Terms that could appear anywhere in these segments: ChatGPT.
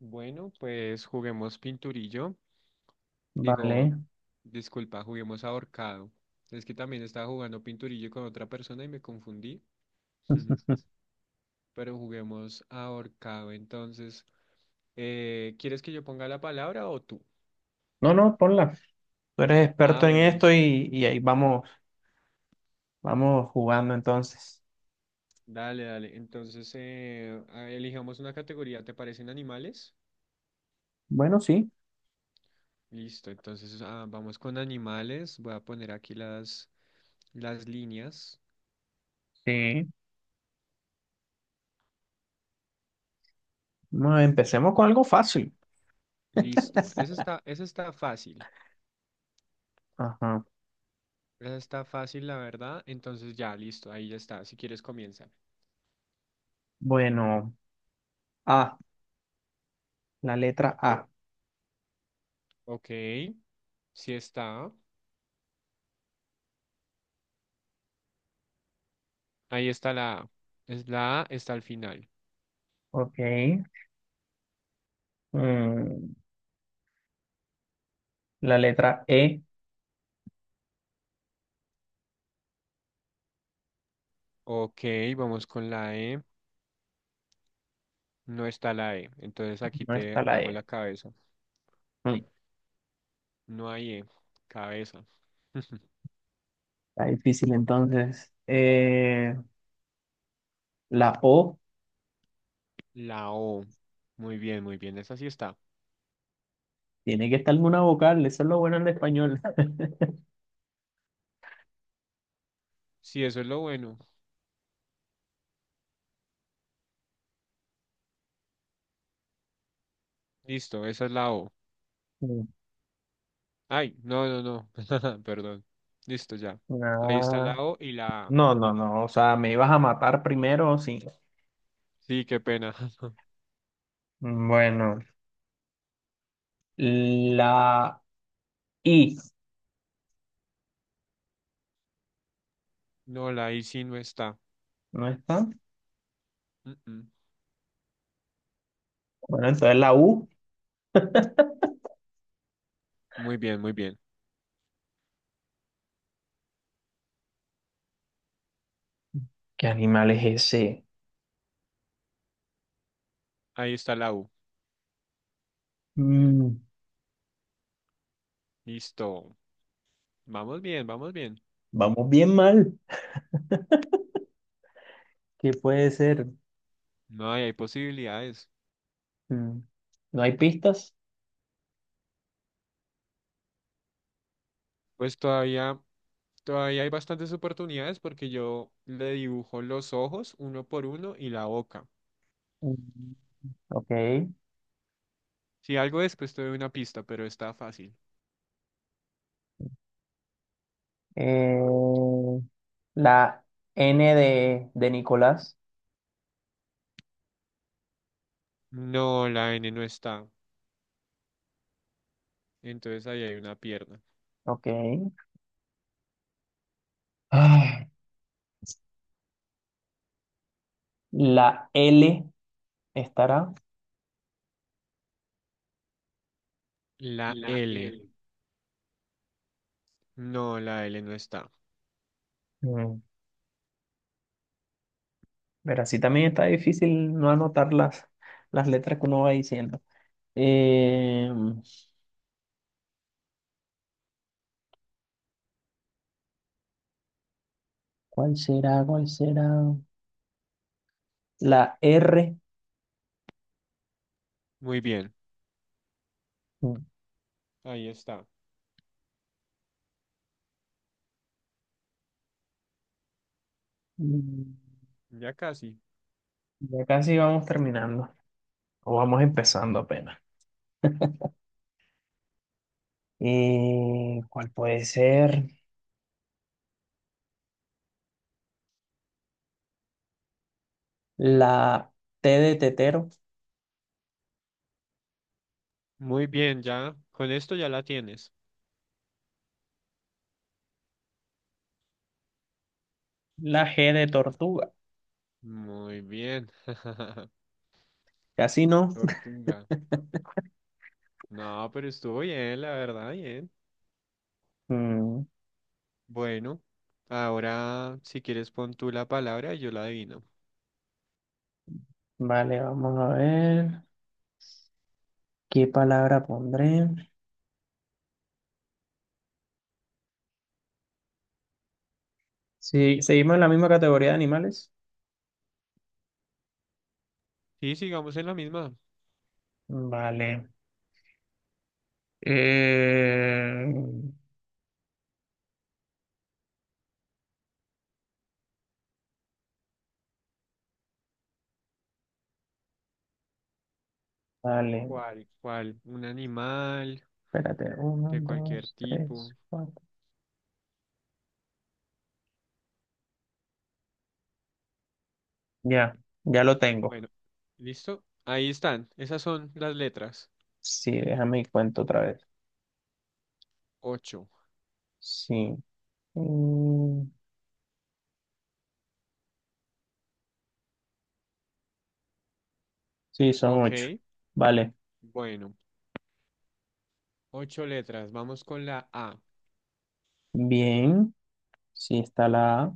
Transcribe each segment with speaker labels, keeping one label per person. Speaker 1: Bueno, pues juguemos pinturillo. Digo,
Speaker 2: Vale.
Speaker 1: disculpa, juguemos ahorcado. Es que también estaba jugando pinturillo con otra persona y me confundí. Pero juguemos ahorcado. Entonces, ¿quieres que yo ponga la palabra o tú?
Speaker 2: No, no, ponla. Tú eres
Speaker 1: Ah,
Speaker 2: experto en
Speaker 1: bueno,
Speaker 2: esto
Speaker 1: listo.
Speaker 2: y ahí vamos, vamos jugando entonces.
Speaker 1: Dale, dale. Entonces, elijamos una categoría. ¿Te parecen animales?
Speaker 2: Bueno, sí.
Speaker 1: Listo. Entonces, vamos con animales. Voy a poner aquí las líneas.
Speaker 2: Sí. Bueno, empecemos con algo fácil.
Speaker 1: Listo. Eso está, eso está fácil.
Speaker 2: Ajá.
Speaker 1: Esa está fácil, la verdad. Entonces ya, listo, ahí ya está. Si quieres, comienza.
Speaker 2: Bueno, A, la letra A.
Speaker 1: Ok, sí está. Ahí está la A. Es la A, está al final.
Speaker 2: Ok. Mm, la letra E,
Speaker 1: Ok, vamos con la E. No está la E. Entonces aquí
Speaker 2: no
Speaker 1: te
Speaker 2: está la
Speaker 1: hago
Speaker 2: E.
Speaker 1: la cabeza.
Speaker 2: Mm,
Speaker 1: No hay E. Cabeza.
Speaker 2: Está difícil entonces. La O,
Speaker 1: La O. Muy bien, muy bien. Esa sí está.
Speaker 2: tiene que estar una vocal, eso es lo bueno en español.
Speaker 1: Sí, eso es lo bueno. Listo, esa es la O.
Speaker 2: Mm,
Speaker 1: Ay, no, no, no. Perdón. Listo, ya. Ahí está la
Speaker 2: ah,
Speaker 1: O y la A.
Speaker 2: No, no, no, o sea, me ibas a matar primero, sí.
Speaker 1: Sí, qué pena.
Speaker 2: Bueno, la I,
Speaker 1: No, la I sí no está.
Speaker 2: ¿no está?
Speaker 1: Mm, mm.
Speaker 2: Bueno, entonces la U,
Speaker 1: Muy bien, muy bien.
Speaker 2: ¿qué animal es ese?
Speaker 1: Ahí está la U.
Speaker 2: Mm,
Speaker 1: Listo. Vamos bien, vamos bien.
Speaker 2: vamos bien mal. ¿Qué puede ser?
Speaker 1: No, y hay posibilidades.
Speaker 2: Mm, ¿No hay pistas?
Speaker 1: Pues todavía hay bastantes oportunidades porque yo le dibujo los ojos uno por uno y la boca.
Speaker 2: Mm, ok.
Speaker 1: Si algo después te doy una pista, pero está fácil.
Speaker 2: Eh, la N de Nicolás,
Speaker 1: No, la N no está. Entonces ahí hay una pierna.
Speaker 2: ok. Ah, la L estará.
Speaker 1: La
Speaker 2: La
Speaker 1: L.
Speaker 2: L.
Speaker 1: No, la L no está.
Speaker 2: Mm, pero así también está difícil no anotar las letras que uno va diciendo. Eh, ¿Cuál será? ¿Cuál será? La R.
Speaker 1: Muy bien. Ahí está.
Speaker 2: Mm,
Speaker 1: Ya casi.
Speaker 2: Ya casi vamos terminando. O vamos empezando apenas. ¿Cuál puede ser? La T de tetero.
Speaker 1: Muy bien, ya. Con esto ya la tienes.
Speaker 2: La G de tortuga.
Speaker 1: Muy bien.
Speaker 2: Casi no.
Speaker 1: Tortuga. No, pero estuvo bien, la verdad, bien.
Speaker 2: Mm,
Speaker 1: Bueno, ahora si quieres pon tú la palabra y yo la adivino.
Speaker 2: vale, vamos a ver. ¿Qué palabra pondré? Sí, seguimos en la misma categoría de animales.
Speaker 1: Sí, sigamos en la misma.
Speaker 2: Vale. Eh, vale.
Speaker 1: ¿Cuál? Un animal
Speaker 2: Espérate, uno,
Speaker 1: de cualquier
Speaker 2: dos, tres,
Speaker 1: tipo.
Speaker 2: cuatro. Ya, ya lo tengo.
Speaker 1: Bueno, ¿listo? Ahí están. Esas son las letras.
Speaker 2: Sí, déjame y cuento otra vez.
Speaker 1: Ocho.
Speaker 2: Sí. Mm, sí, son ocho.
Speaker 1: Ok,
Speaker 2: Vale.
Speaker 1: bueno. Ocho letras. Vamos con la A.
Speaker 2: Bien. Sí, está la A.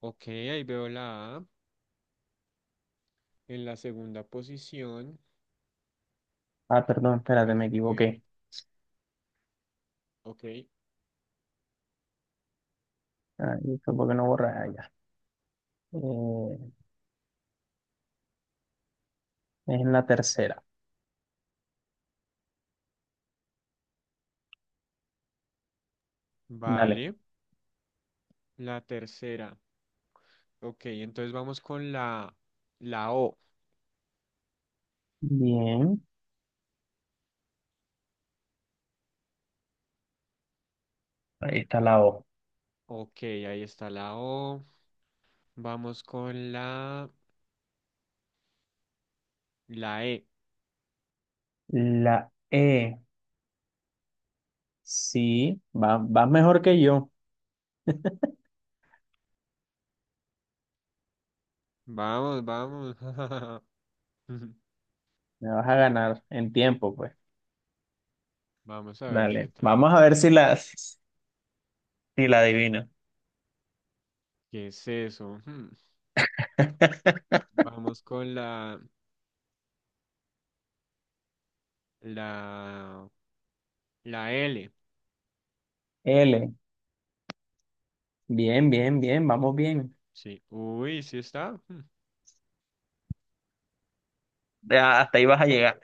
Speaker 1: Ok, ahí veo la A en la segunda posición.
Speaker 2: Ah, perdón, espérate,
Speaker 1: Pues
Speaker 2: me
Speaker 1: bueno,
Speaker 2: equivoqué.
Speaker 1: ok.
Speaker 2: Ahí fue porque no borré allá. Eh, es en la tercera. Dale.
Speaker 1: Vale. La tercera. Ok, entonces vamos con la O.
Speaker 2: Bien. Ahí está la O.
Speaker 1: Ok, ahí está la O. Vamos con la E.
Speaker 2: La E. Sí, vas mejor que yo.
Speaker 1: Vamos, vamos.
Speaker 2: Me vas a ganar en tiempo, pues.
Speaker 1: Vamos a ver qué
Speaker 2: Dale.
Speaker 1: tal.
Speaker 2: Vamos a ver si si la adivino.
Speaker 1: ¿Qué es eso? Hmm. Vamos con la, la L.
Speaker 2: L. Bien, bien, bien, vamos bien.
Speaker 1: Sí. Uy, sí está. Hmm.
Speaker 2: Ya, hasta ahí vas a llegar.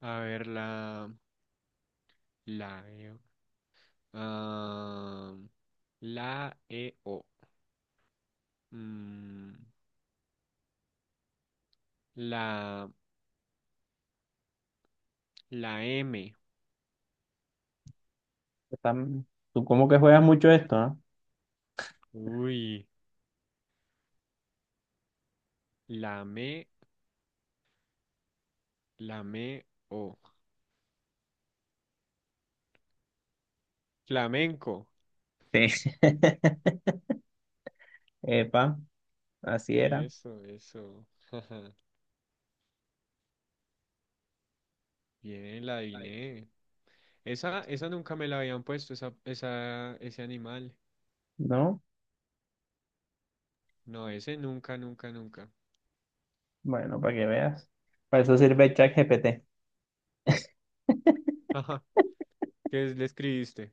Speaker 1: A ver, la E. Ah, la E O. Mm, la, la M.
Speaker 2: Están- Tú como que juegas mucho esto, ¿no?
Speaker 1: Uy, lame, lame, o. Flamenco.
Speaker 2: Sí. Epa, así era,
Speaker 1: Eso, eso. jaja, bien, la adiviné. Esa nunca me la habían puesto, ese animal.
Speaker 2: ¿no?
Speaker 1: No, ese nunca, nunca, nunca.
Speaker 2: Bueno, para que veas. Para eso sirve ChatGPT,
Speaker 1: Ajá. ¿Le escribiste?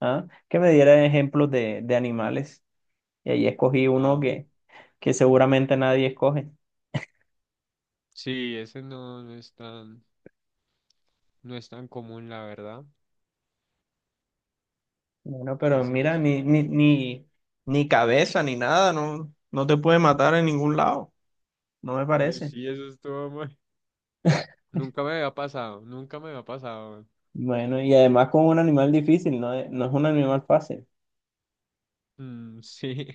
Speaker 2: ¿ah? Que me diera ejemplos de animales. Y ahí escogí uno
Speaker 1: Ah,
Speaker 2: que seguramente nadie escoge.
Speaker 1: sí, ese no, no es tan común, la verdad.
Speaker 2: Bueno, pero
Speaker 1: Ese no es
Speaker 2: mira,
Speaker 1: tan
Speaker 2: ni, ni,
Speaker 1: común.
Speaker 2: ni, ni cabeza ni nada, no, no te puede matar en ningún lado. No me
Speaker 1: Uy,
Speaker 2: parece.
Speaker 1: sí, eso estuvo muy. Nunca me había pasado, nunca me había pasado.
Speaker 2: Bueno, y además con un animal difícil, no es un animal fácil.
Speaker 1: Mm, sí.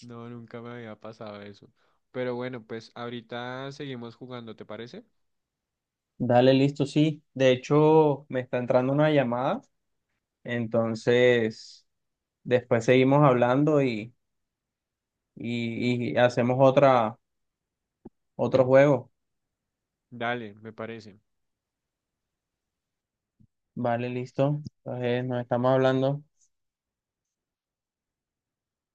Speaker 1: No, nunca me había pasado eso. Pero bueno, pues ahorita seguimos jugando, ¿te parece?
Speaker 2: Dale, listo, sí. De hecho, me está entrando una llamada, entonces después seguimos hablando y hacemos otro juego.
Speaker 1: Dale, me parece.
Speaker 2: Vale, listo. Entonces nos estamos hablando.